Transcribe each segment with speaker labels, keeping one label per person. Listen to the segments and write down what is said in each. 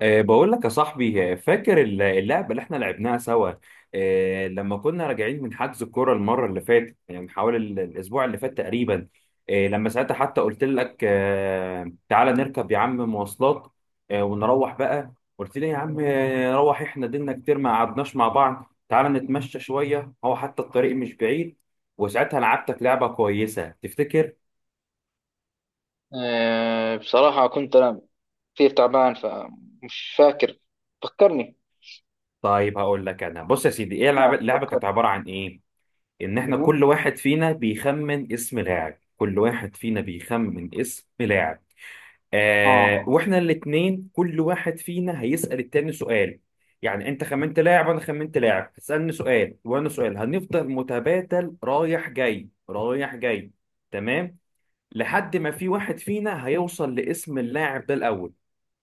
Speaker 1: بقول لك يا صاحبي فاكر اللعبة اللي احنا لعبناها سوا. لما كنا راجعين من حجز الكورة المرة اللي فاتت، يعني من حوالي الأسبوع اللي فات تقريبا. لما ساعتها حتى قلت لك تعالى نركب يا عم مواصلات ونروح بقى. قلت لي يا عم، نروح. احنا دينا كتير ما قعدناش مع بعض، تعالى نتمشى شوية، هو حتى الطريق مش بعيد. وساعتها لعبتك لعبة كويسة، تفتكر؟
Speaker 2: بصراحة كنت أنا كثير تعبان، فمش فاكر. فكرني.
Speaker 1: طيب هقول لك. أنا بص يا سيدي، ايه اللعبة
Speaker 2: لا،
Speaker 1: اللعبة كانت
Speaker 2: فكرني.
Speaker 1: عبارة عن ايه؟ ان احنا
Speaker 2: مهم.
Speaker 1: كل واحد فينا بيخمن اسم لاعب
Speaker 2: آه،
Speaker 1: واحنا الاتنين، كل واحد فينا هيسأل التاني سؤال. يعني انت خمنت لاعب وانا خمنت لاعب، هتسألني سؤال وانا سؤال، هنفضل متبادل رايح جاي رايح جاي. تمام. لحد ما في واحد فينا هيوصل لاسم اللاعب ده الاول.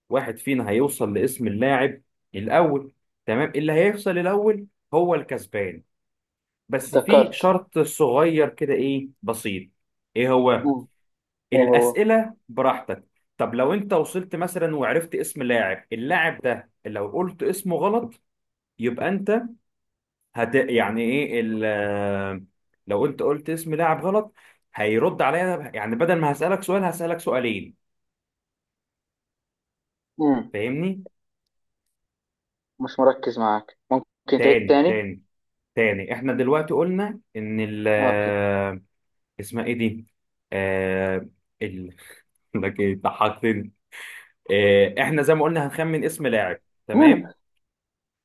Speaker 1: واحد فينا هيوصل لاسم اللاعب الاول تمام، اللي هيوصل الاول هو الكسبان. بس في
Speaker 2: افتكرت.
Speaker 1: شرط صغير كده، ايه، بسيط. ايه هو؟
Speaker 2: مم. إيه هو.
Speaker 1: الاسئله براحتك. طب لو انت وصلت مثلا وعرفت اسم لاعب اللاعب ده، لو قلت اسمه غلط، يبقى انت يعني ايه ال آه، لو انت قلت اسم لاعب غلط، هيرد عليا. يعني بدل ما هسالك سؤال، هسالك سؤالين.
Speaker 2: مم.
Speaker 1: فاهمني؟
Speaker 2: مش مركز معك، ممكن تعيد
Speaker 1: تاني
Speaker 2: تاني؟
Speaker 1: تاني. تاني، احنا دلوقتي قلنا ان ال
Speaker 2: أوكي.
Speaker 1: آه، اسمها ايه دي؟ آه ال لك ايه، ضحكتني. احنا زي ما قلنا هنخمن اسم لاعب.
Speaker 2: مم.
Speaker 1: تمام.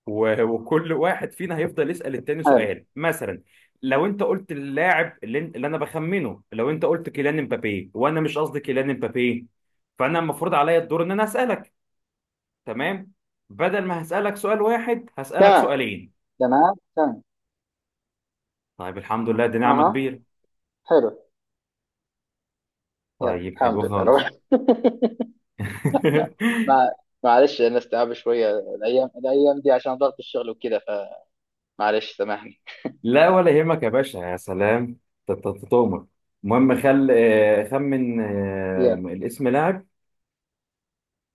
Speaker 1: وكل واحد فينا هيفضل يسأل التاني
Speaker 2: حلو.
Speaker 1: سؤال مثلا. لو انت قلت اللاعب اللي انا بخمنه، لو انت قلت كيليان امبابي وانا مش قصدي كيليان امبابي، فانا المفروض عليا الدور ان انا اسألك. تمام. بدل ما هسألك سؤال واحد، هسألك
Speaker 2: تمام
Speaker 1: سؤالين.
Speaker 2: تمام تمام.
Speaker 1: طيب الحمد لله، دي نعمة
Speaker 2: أها.
Speaker 1: كبيرة.
Speaker 2: حلو. يلا،
Speaker 1: طيب
Speaker 2: الحمد
Speaker 1: حلو
Speaker 2: لله، روح.
Speaker 1: خالص.
Speaker 2: ما معلش، أنا استيعاب شوية الأيام الأيام دي عشان ضغط الشغل وكده، فمعلش سامحني.
Speaker 1: لا ولا يهمك يا باشا، يا سلام. تؤمر. المهم خل آه، خمن
Speaker 2: يلا.
Speaker 1: الاسم لاعب،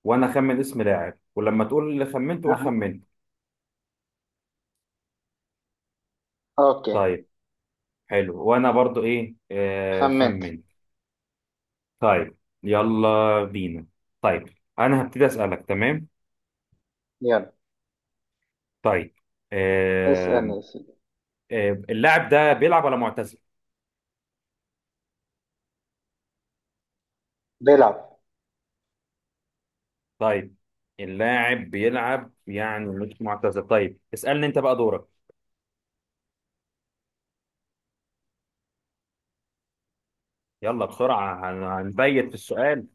Speaker 1: وانا اخمن اسم لاعب، ولما تقول اللي خمنت قول
Speaker 2: أها.
Speaker 1: خمنت.
Speaker 2: أوكي.
Speaker 1: طيب. حلو، وانا برضو ايه،
Speaker 2: خمنت.
Speaker 1: خمنت. طيب. يلا بينا. طيب، انا هبتدي اسالك، تمام.
Speaker 2: يلا،
Speaker 1: طيب. آه.
Speaker 2: اسألني يا سيدي.
Speaker 1: اللاعب ده بيلعب ولا معتزل؟
Speaker 2: بيلعب.
Speaker 1: طيب. اللاعب بيلعب، يعني مش معتزل. طيب اسالني انت بقى، دورك. يلا بسرعه، هنبيت في السؤال.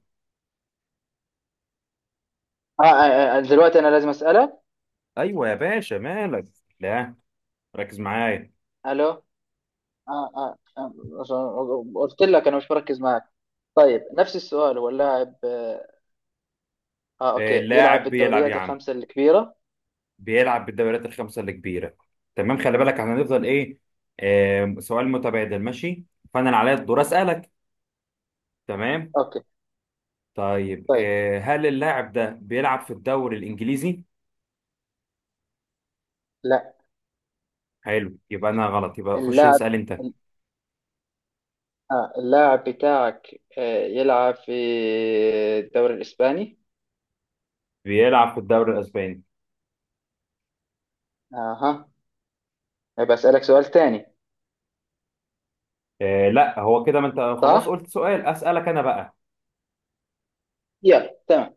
Speaker 2: آه, آه, دلوقتي أنا لازم أسألك.
Speaker 1: ايوه يا باشا، مالك؟ لا. ركز معايا.
Speaker 2: ألو، آه, آه عشان قلت لك أنا مش بركز معك. طيب، نفس السؤال، هو اللاعب أوكي يلعب
Speaker 1: اللاعب بيلعب يا
Speaker 2: بالدوريات
Speaker 1: عم،
Speaker 2: الخمسة الكبيرة؟
Speaker 1: بيلعب بالدوريات الخمسه الكبيره. تمام، خلي بالك احنا هنفضل ايه؟ سؤال متبادل، ماشي. فانا اللي عليا الدور اسالك. تمام.
Speaker 2: أوكي.
Speaker 1: طيب،
Speaker 2: طيب.
Speaker 1: هل اللاعب ده بيلعب في الدوري الانجليزي؟
Speaker 2: لا.
Speaker 1: حلو، يبقى انا غلط، يبقى خش
Speaker 2: اللاعب
Speaker 1: اسال انت.
Speaker 2: اللاعب بتاعك يلعب في الدوري الإسباني؟
Speaker 1: بيلعب في الدوري الاسباني.
Speaker 2: أها. بسألك سؤال تاني.
Speaker 1: لا، هو كده، ما انت خلاص
Speaker 2: صح؟
Speaker 1: قلت سؤال، اسالك انا بقى.
Speaker 2: يلا، تمام.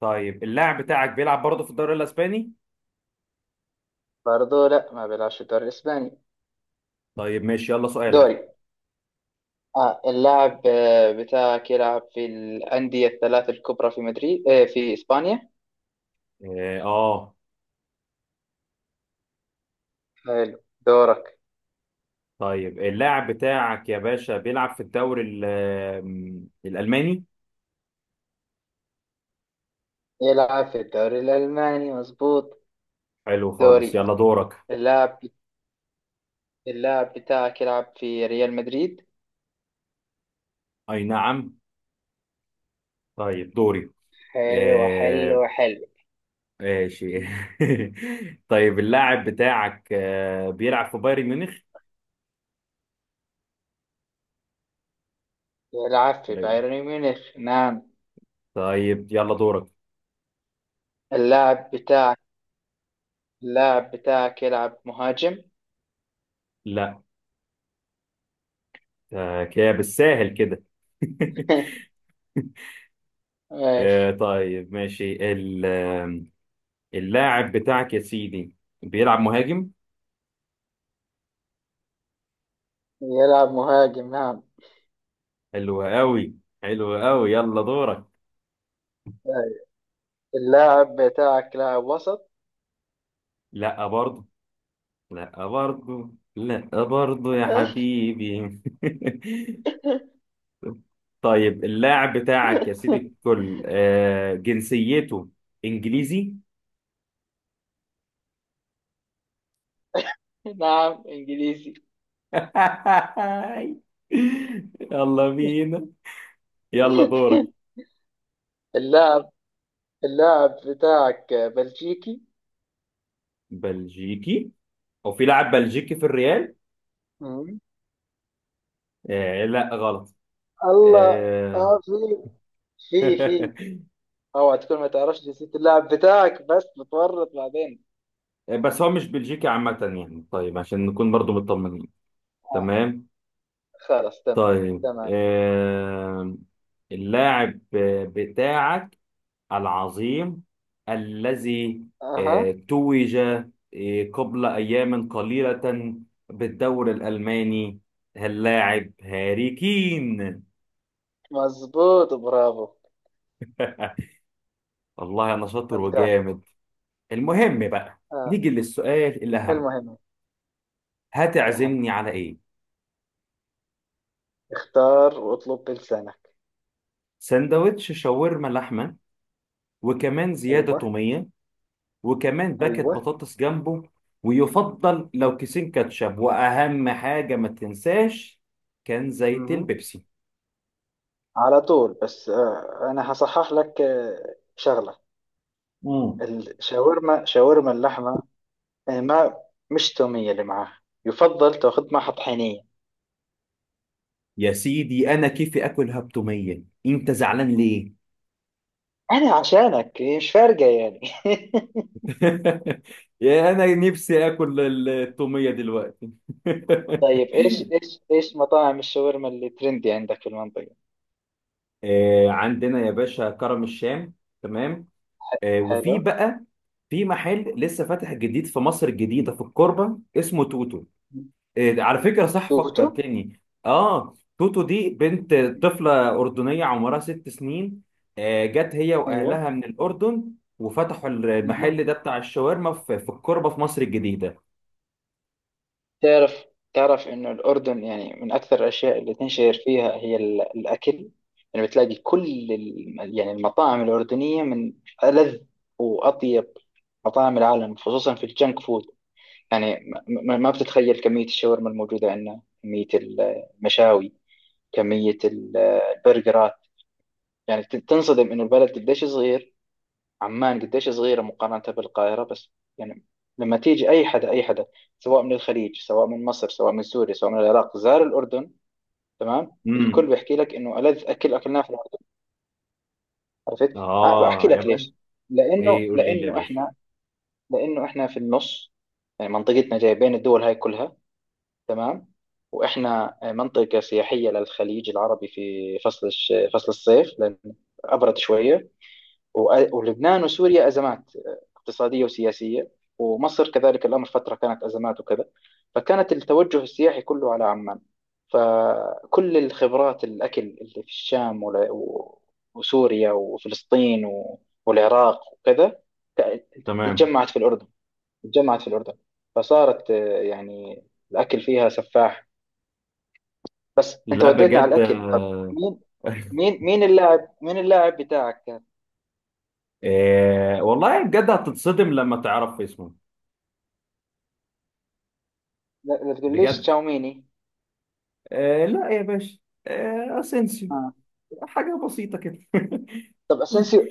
Speaker 1: طيب، اللاعب بتاعك بيلعب برضه في الدوري الاسباني؟
Speaker 2: برضه لا، ما بيلعبش في الدوري الإسباني.
Speaker 1: طيب ماشي، يلا سؤالك.
Speaker 2: دوري. اللاعب بتاعك يلعب في الأندية الثلاث الكبرى في مدريد في إسبانيا؟
Speaker 1: اه.
Speaker 2: حلو. دورك.
Speaker 1: طيب اللاعب بتاعك يا باشا بيلعب في الدوري الالماني.
Speaker 2: يلعب في الدوري الألماني، مظبوط.
Speaker 1: حلو خالص،
Speaker 2: دوري.
Speaker 1: يلا دورك.
Speaker 2: اللاعب اللاعب بتاعك يلعب في ريال مدريد؟
Speaker 1: اي نعم. طيب دوري،
Speaker 2: حلو حلو
Speaker 1: آه،
Speaker 2: حلو.
Speaker 1: ماشي. طيب اللاعب بتاعك بيلعب في بايرن ميونخ؟
Speaker 2: يلعب في بايرن ميونخ، نعم.
Speaker 1: طيب يلا دورك.
Speaker 2: اللاعب بتاعك اللاعب بتاعك يلعب مهاجم؟
Speaker 1: لا. كده بالساهل كده.
Speaker 2: ماشي.
Speaker 1: طيب ماشي اللاعب بتاعك يا سيدي بيلعب مهاجم.
Speaker 2: يلعب مهاجم، نعم.
Speaker 1: حلو قوي. حلو قوي، يلا دورك.
Speaker 2: طيب. اللاعب بتاعك لاعب وسط؟
Speaker 1: لا برضه. لا برضه لا برضه يا حبيبي. طيب اللاعب بتاعك يا سيدي الكل جنسيته انجليزي؟
Speaker 2: نعم، انجليزي.
Speaker 1: يلا بينا. يلا دورك.
Speaker 2: اللاعب اللاعب بتاعك بلجيكي؟
Speaker 1: بلجيكي؟ او في لاعب بلجيكي في الريال؟
Speaker 2: مم.
Speaker 1: لا غلط.
Speaker 2: الله.
Speaker 1: آه.
Speaker 2: اه في في. اوعى تكون ما تعرفش جنسية اللاعب بتاعك، بس بتورط بعدين.
Speaker 1: بس هو مش بلجيكي عامة، يعني طيب عشان نكون برضو مطمنين.
Speaker 2: آه.
Speaker 1: تمام.
Speaker 2: خلاص، تمام.
Speaker 1: طيب،
Speaker 2: تمام.
Speaker 1: اللاعب بتاعك العظيم، الذي
Speaker 2: اها.
Speaker 1: توج قبل أيام قليلة بالدوري الألماني، اللاعب هاري كين.
Speaker 2: مظبوط، برافو.
Speaker 1: والله أنا شاطر
Speaker 2: ابدعت.
Speaker 1: وجامد. المهم بقى،
Speaker 2: آه،
Speaker 1: نيجي للسؤال الأهم.
Speaker 2: المهم، الاهم،
Speaker 1: هتعزمني على إيه؟
Speaker 2: اختار واطلب بلسانك.
Speaker 1: سندوتش شاورما لحمة، وكمان زيادة
Speaker 2: ايوه.
Speaker 1: تومية، وكمان باكت
Speaker 2: ايوه.
Speaker 1: بطاطس جنبه، ويفضل لو كيسين كاتشب، وأهم حاجة ما تنساش كان زيت
Speaker 2: مم.
Speaker 1: البيبسي.
Speaker 2: على طول. بس انا هصحح لك شغلة.
Speaker 1: مم.
Speaker 2: شاورما اللحمة. ما مش تومية اللي معاها، يفضل تاخذ معها طحينية.
Speaker 1: يا سيدي انا كيفي اكل، هبتوميه، انت زعلان ليه؟
Speaker 2: أنا عشانك، هي مش فارقة يعني.
Speaker 1: يا انا نفسي اكل التوميه دلوقتي.
Speaker 2: طيب، إيش مطاعم الشاورما اللي ترندي عندك في المنطقة؟
Speaker 1: عندنا يا باشا كرم الشام. تمام. وفي
Speaker 2: حلو.
Speaker 1: بقى في محل لسه فاتح جديد في مصر الجديدة في الكوربة اسمه توتو. إيه، على فكرة، صح
Speaker 2: توتو.
Speaker 1: فكرتني. اه، توتو دي بنت، طفلة أردنية عمرها 6 سنين. جت هي
Speaker 2: أيوه.
Speaker 1: وأهلها من الأردن، وفتحوا المحل
Speaker 2: مهم.
Speaker 1: ده بتاع الشاورما في الكوربة في مصر الجديدة.
Speaker 2: تعرف، تعرف إنه الأردن يعني من أكثر الأشياء اللي تنشهر فيها هي الأكل. يعني بتلاقي كل يعني المطاعم الأردنية من ألذ وأطيب مطاعم العالم، خصوصا في الجنك فود. يعني ما بتتخيل كمية الشاورما الموجودة عندنا، كمية المشاوي، كمية البرجرات. يعني تنصدم إنه البلد قديش صغير. عمان قديش صغيرة مقارنة بالقاهرة. بس يعني لما تيجي أي حدا أي حدا، سواء من الخليج، سواء من مصر، سواء من سوريا، سواء من العراق، زار الأردن. تمام. الكل
Speaker 1: امم.
Speaker 2: بيحكي لك إنه ألذ أكل أكلناه في الأردن. عرفت؟ بحكي
Speaker 1: اه يا
Speaker 2: لك
Speaker 1: بنت.
Speaker 2: ليش؟ لأنه
Speaker 1: ايه، قول لي ليه يا
Speaker 2: لأنه
Speaker 1: باشا.
Speaker 2: إحنا لأنه إحنا في النص. يعني منطقتنا جاية بين الدول هاي كلها. تمام. واحنا منطقه سياحيه للخليج العربي في فصل الصيف، لان ابرد شويه. ولبنان وسوريا ازمات اقتصاديه وسياسيه. ومصر كذلك الامر، فتره كانت ازمات وكذا. فكانت التوجه السياحي كله على عمان. فكل الخبرات الاكل اللي في الشام وسوريا وفلسطين والعراق وكذا. ت-
Speaker 1: تمام.
Speaker 2: تجمعت في الاردن. تجمعت في الاردن. فصارت يعني الأكل فيها سفاح. بس انت
Speaker 1: لا
Speaker 2: وديتني على
Speaker 1: بجد.
Speaker 2: الاكل، طب، مين مين اللاعب بتاعك كان؟
Speaker 1: والله بجد هتتصدم لما تعرف اسمه.
Speaker 2: لا، لا تقوليش
Speaker 1: بجد.
Speaker 2: تشاوميني.
Speaker 1: لا يا باشا. اسينسيو.
Speaker 2: آه.
Speaker 1: حاجة بسيطة كده.
Speaker 2: طب، اسينسيو.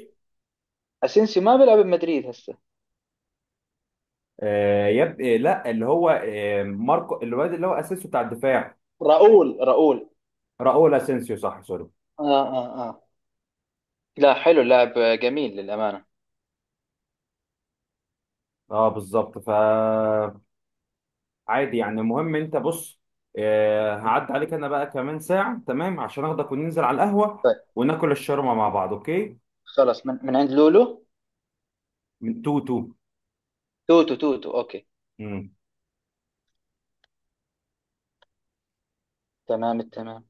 Speaker 2: اسينسيو ما بيلعب بمدريد هسه.
Speaker 1: آه يب... آه لا، اللي هو ماركو، الواد اللي هو اسيسو بتاع الدفاع.
Speaker 2: راؤول راؤول.
Speaker 1: راؤول اسينسيو، صح، سوري.
Speaker 2: اه اه اه. لا، حلو اللاعب، جميل للامانه.
Speaker 1: اه بالظبط، فعادي يعني. المهم انت بص، هعدي عليك انا بقى كمان ساعة، تمام، عشان اخدك وننزل على القهوة
Speaker 2: طيب،
Speaker 1: وناكل الشاورما مع بعض، اوكي.
Speaker 2: خلاص، من عند لولو.
Speaker 1: من تو تو.
Speaker 2: توتو توتو، اوكي.
Speaker 1: مم.
Speaker 2: تمام التمام.